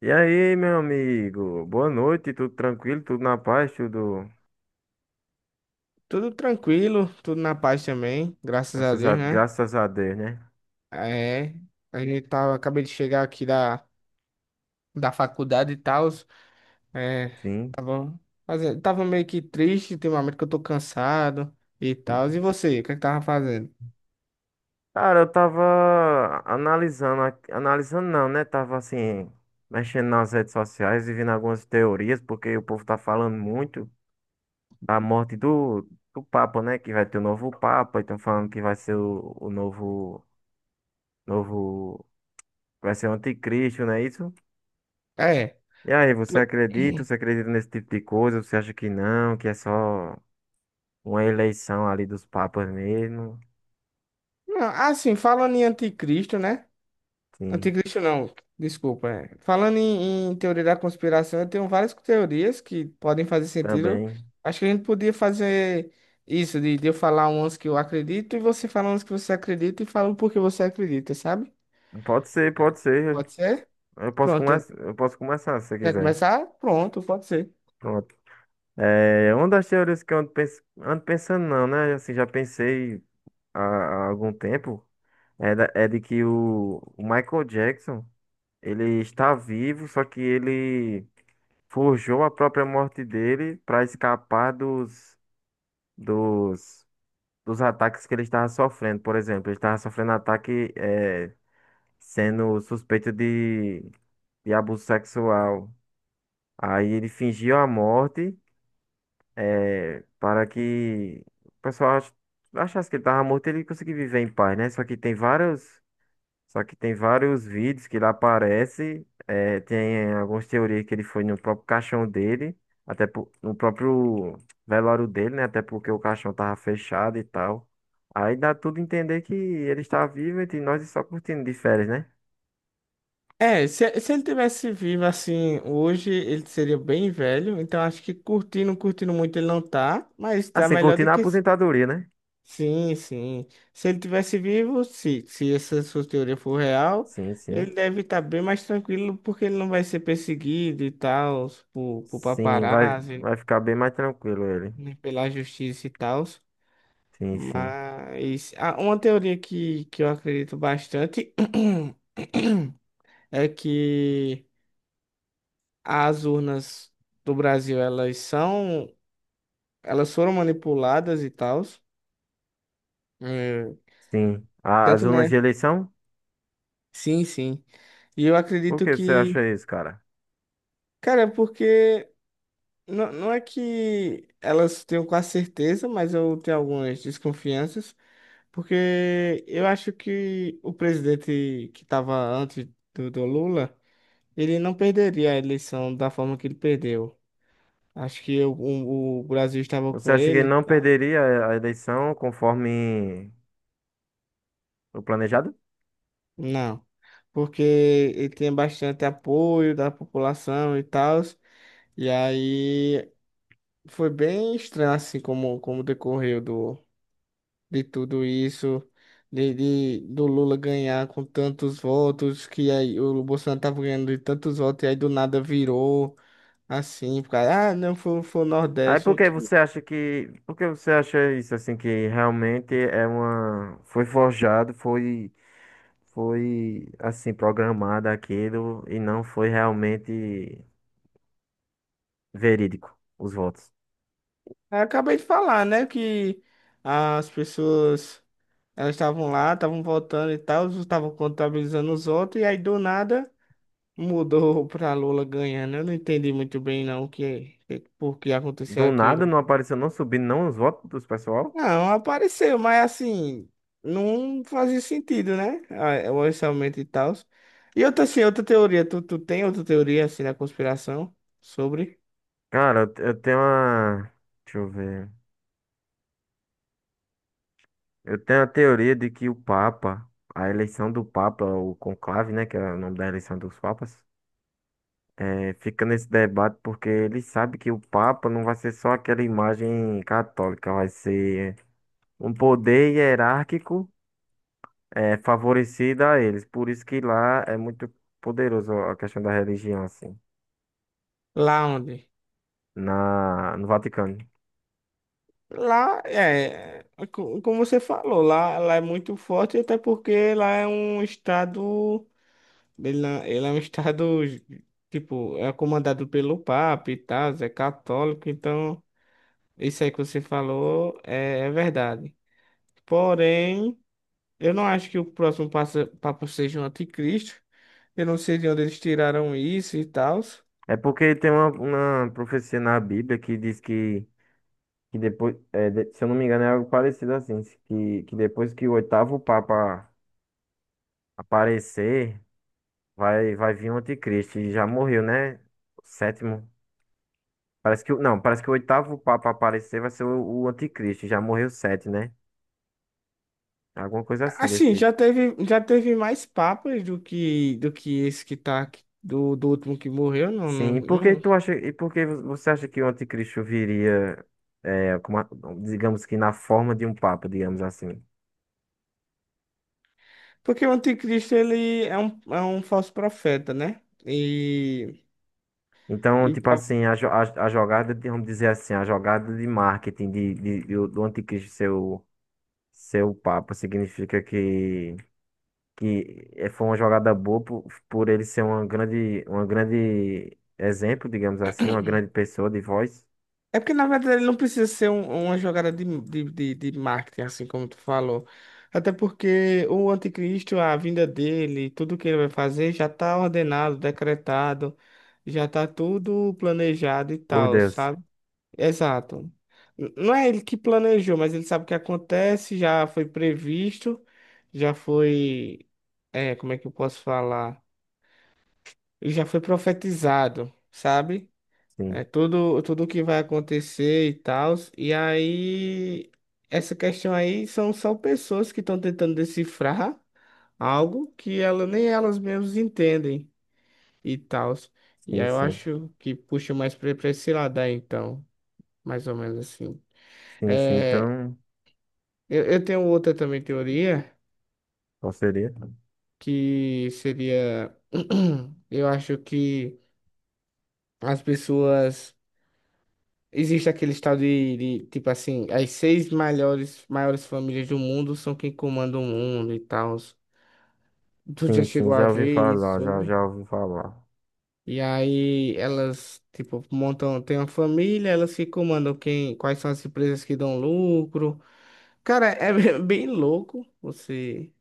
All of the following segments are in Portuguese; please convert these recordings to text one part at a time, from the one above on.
E aí, meu amigo? Boa noite, tudo tranquilo, tudo na paz, tudo. Tudo tranquilo, tudo na paz também, graças a Graças a, Deus, né? graças a Deus, né? É, a gente tava, acabei de chegar aqui da faculdade e tal, é, Sim. tava, fazendo, tava meio que triste ultimamente que eu tô cansado e tal. E você, o que é que tava fazendo? Cara, eu tava analisando não, né? Tava assim, mexendo nas redes sociais e vendo algumas teorias, porque o povo tá falando muito da morte do Papa, né? Que vai ter o novo Papa, e estão falando que vai ser o novo, novo. Vai ser o anticristo, não é isso? É, E aí, você acredita? Você acredita nesse tipo de coisa? Você acha que não, que é só uma eleição ali dos papas mesmo. não, assim, falando em anticristo, né? Sim, Anticristo não, desculpa. É. Falando em teoria da conspiração, eu tenho várias teorias que podem fazer sentido. também. Acho que a gente podia fazer isso, de eu falar umas que eu acredito e você falar umas que você acredita e falar o porquê você acredita, sabe? Pode ser, pode ser. Pode ser? Pronto. Eu posso começar se você Quer quiser. começar? Pronto, pode ser. Pronto. É, uma das teorias que eu ando pensando, não, né? Assim, já pensei há algum tempo, é de que o Michael Jackson, ele está vivo, só que ele forjou a própria morte dele para escapar dos, dos ataques que ele estava sofrendo. Por exemplo, ele estava sofrendo ataque sendo suspeito de abuso sexual. Aí ele fingiu a morte, para que o pessoal achasse que ele estava morto e ele conseguia viver em paz, né? Só que tem vários vídeos que ele aparece, tem algumas teorias que ele foi no próprio caixão dele, no próprio velório dele, né? Até porque o caixão tava fechado e tal. Aí dá tudo a entender que ele está vivo entre nós e só curtindo de férias, né? É, se ele tivesse vivo assim hoje, ele seria bem velho. Então acho que curtindo muito ele não tá, mas tá Assim, melhor do curtindo a que. aposentadoria, né? Sim, sim. Se ele tivesse vivo, se essa sua teoria for real, Sim, sim. ele deve estar bem mais tranquilo porque ele não vai ser perseguido e tal, por Sim, vai, paparazzi, vai ficar bem mais tranquilo ele. nem pela justiça e tal. Sim, sim. Mas ah, uma teoria que eu acredito bastante é que as urnas do Brasil, elas são, elas foram manipuladas e tal. eh, Sim. A- As Tanto, urnas né? de eleição? Sim, sim. E eu Por acredito que você acha que isso, cara? cara, é porque não, não é que elas tenham quase certeza, mas eu tenho algumas desconfianças, porque eu acho que o presidente que estava antes do Lula, ele não perderia a eleição da forma que ele perdeu. Acho que o Brasil estava Você com acha que ele ele. não Tá? perderia a eleição conforme o planejado? Não, porque ele tinha bastante apoio da população e tal, e aí foi bem estranho assim como, como decorreu do de tudo isso, do Lula ganhar com tantos votos, que aí o Bolsonaro tava ganhando de tantos votos, e aí do nada virou assim, por causa, ah, não, foi o Aí por Nordeste. que Que... você acha que, por que você acha isso, assim, que realmente é uma, foi forjado, foi, foi, assim, programado aquilo e não foi realmente verídico os votos. Eu acabei de falar, né, que as pessoas, elas estavam lá, estavam votando e tal, estavam contabilizando os votos, e aí do nada mudou pra Lula ganhando. Eu não entendi muito bem, não, o que, por que aconteceu Do nada aquilo. não apareceu, não subindo não os votos dos pessoal. Não, apareceu, mas assim, não fazia sentido, né? Ah, o orçamento e tal. E outra, assim, outra teoria, tu tem outra teoria, assim, da conspiração sobre Cara, eu tenho uma. Deixa eu ver. Eu tenho a teoria de que o Papa, a eleição do Papa, o conclave, né, que é o nome da eleição dos papas, fica nesse debate porque ele sabe que o Papa não vai ser só aquela imagem católica, vai ser um poder hierárquico, favorecido a eles. Por isso que lá é muito poderoso a questão da religião, assim, lá onde? No Vaticano. Lá, é, é como você falou, lá é muito forte, até porque lá é um estado, ele, não- ele é um estado, tipo, é comandado pelo Papa e tal, é católico, então, isso aí que você falou é verdade. Porém... Eu não acho que o próximo papo seja o anticristo. Eu não sei de onde eles tiraram isso e tal. É porque tem uma profecia na Bíblia que diz que depois, se eu não me engano, é algo parecido assim, que depois que o oitavo Papa aparecer, vai, vai vir o anticristo. E já morreu, né? O sétimo. Parece que, não, parece que o oitavo Papa aparecer vai ser o anticristo. Já morreu sete, né? Alguma coisa assim desse Assim, tipo. Já teve mais papas do que esse que tá aqui, do último que morreu, Sim, e por que não. tu acha, e por que você acha que o anticristo viria, é, como digamos que na forma de um papa, digamos assim? Porque o anticristo ele é um falso profeta, né? Então, E, tipo assim, a jogada, vamos dizer assim, a jogada de marketing do anticristo ser o, ser o Papa significa que foi uma jogada boa por ele ser uma grande exemplo, digamos assim, uma grande pessoa de voz. É porque, na verdade, ele não precisa ser uma jogada de marketing, assim como tu falou. Até porque o anticristo, a vinda dele, tudo que ele vai fazer já está ordenado, decretado, já está tudo planejado e Por tal, Deus. sabe? Exato. Não é ele que planejou, mas ele sabe o que acontece, já foi previsto, já foi. É, como é que eu posso falar? Ele já foi profetizado, sabe? É Sim, tudo, tudo que vai acontecer e tal. E aí, essa questão aí são só pessoas que estão tentando decifrar algo que ela, nem elas mesmas entendem e tal. E sim, aí eu sim. acho que puxa mais pra esse lado aí, então, mais ou menos assim. Sim, sim. É, Então, eu tenho outra também teoria, qual seria? que seria, eu acho que as pessoas. Existe aquele estado tipo assim, as seis maiores famílias do mundo são quem comanda o mundo e tal. Tu já Sim, sim, chegou a já ouvi ver isso falar, já, sobre? já ouvi falar. E aí elas, tipo, montam, tem uma família, elas que comandam quem, quais são as empresas que dão lucro. Cara, é bem louco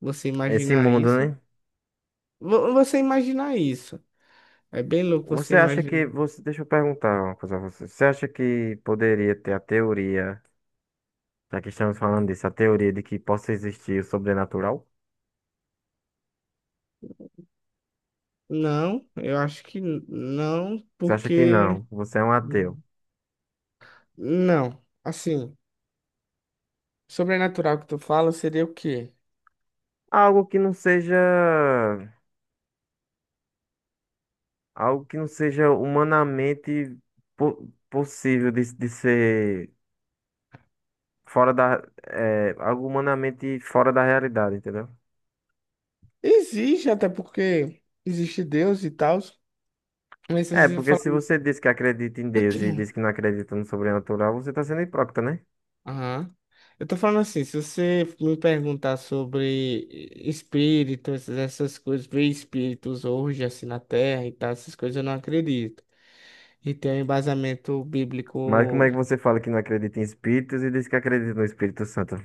você Esse imaginar mundo, isso. né? Você imaginar isso. É bem louco você Você acha que imaginar. você, deixa eu perguntar uma coisa a você. Você acha que poderia ter a teoria, já que estamos falando disso, a teoria de que possa existir o sobrenatural? Não, eu acho que não, Você acha que porque. não? Você é um ateu. Hum, não, assim. Sobrenatural que tu fala seria o quê? Algo que não seja, algo que não seja humanamente possível de ser fora da, é, algo humanamente fora da realidade, entendeu? Existe, até porque existe Deus e tal. Mas se É, você porque falar. se você diz que acredita em Deus e diz que não acredita no sobrenatural, você está sendo hipócrita, né? Aham. Eu tô falando assim, se você me perguntar sobre espíritos, essas coisas, ver espíritos hoje assim na Terra e tal, essas coisas eu não acredito. E tem um embasamento Mas como bíblico. é que você fala que não acredita em espíritos e diz que acredita no Espírito Santo?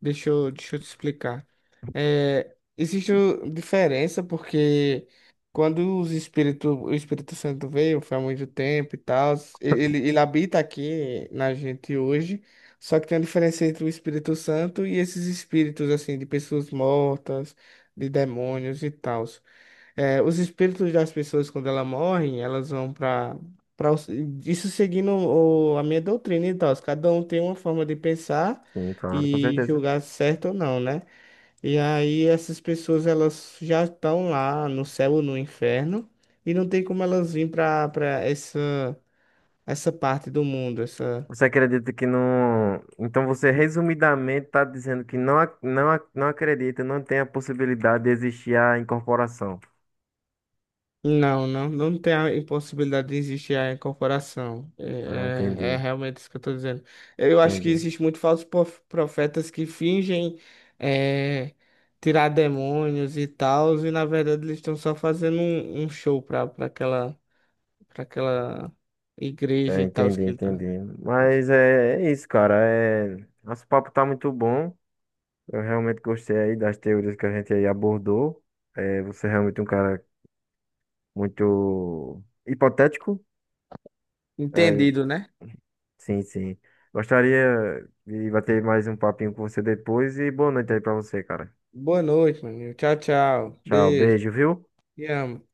Deixa eu te explicar. É, existe diferença porque quando o Espírito Santo veio, foi há muito tempo e tal, ele habita aqui na gente hoje, só que tem a diferença entre o Espírito Santo e esses espíritos, assim, de pessoas mortas, de demônios e tal. É, os espíritos das pessoas, quando elas morrem, elas vão para isso seguindo a minha doutrina e tal. Cada um tem uma forma de pensar Sim, claro, com e certeza. julgar certo ou não, né? E aí essas pessoas elas já estão lá no céu ou no inferno e não tem como elas vir para essa parte do mundo. Você acredita que não. Então você resumidamente está dizendo que não, não acredita, não tem a possibilidade de existir a incorporação. Não, não tem a impossibilidade de existir a incorporação. Ah, É, é entendi, realmente isso que eu estou dizendo. Eu acho que entendi. existe muito falsos profetas que fingem é, tirar demônios e tal, e na verdade eles estão só fazendo um show para aquela igreja É, e tal entendi, que ele tá. entendi. Mas é, é isso, cara. É... Nosso papo tá muito bom. Eu realmente gostei aí das teorias que a gente aí abordou. É, você é realmente um cara muito hipotético. É, Entendido, né? sim, sim. Gostaria de bater mais um papinho com você depois e boa noite aí pra você, cara. Boa noite, meu amigo. Tchau, tchau. Tchau, Beijo. beijo, viu? Te amo.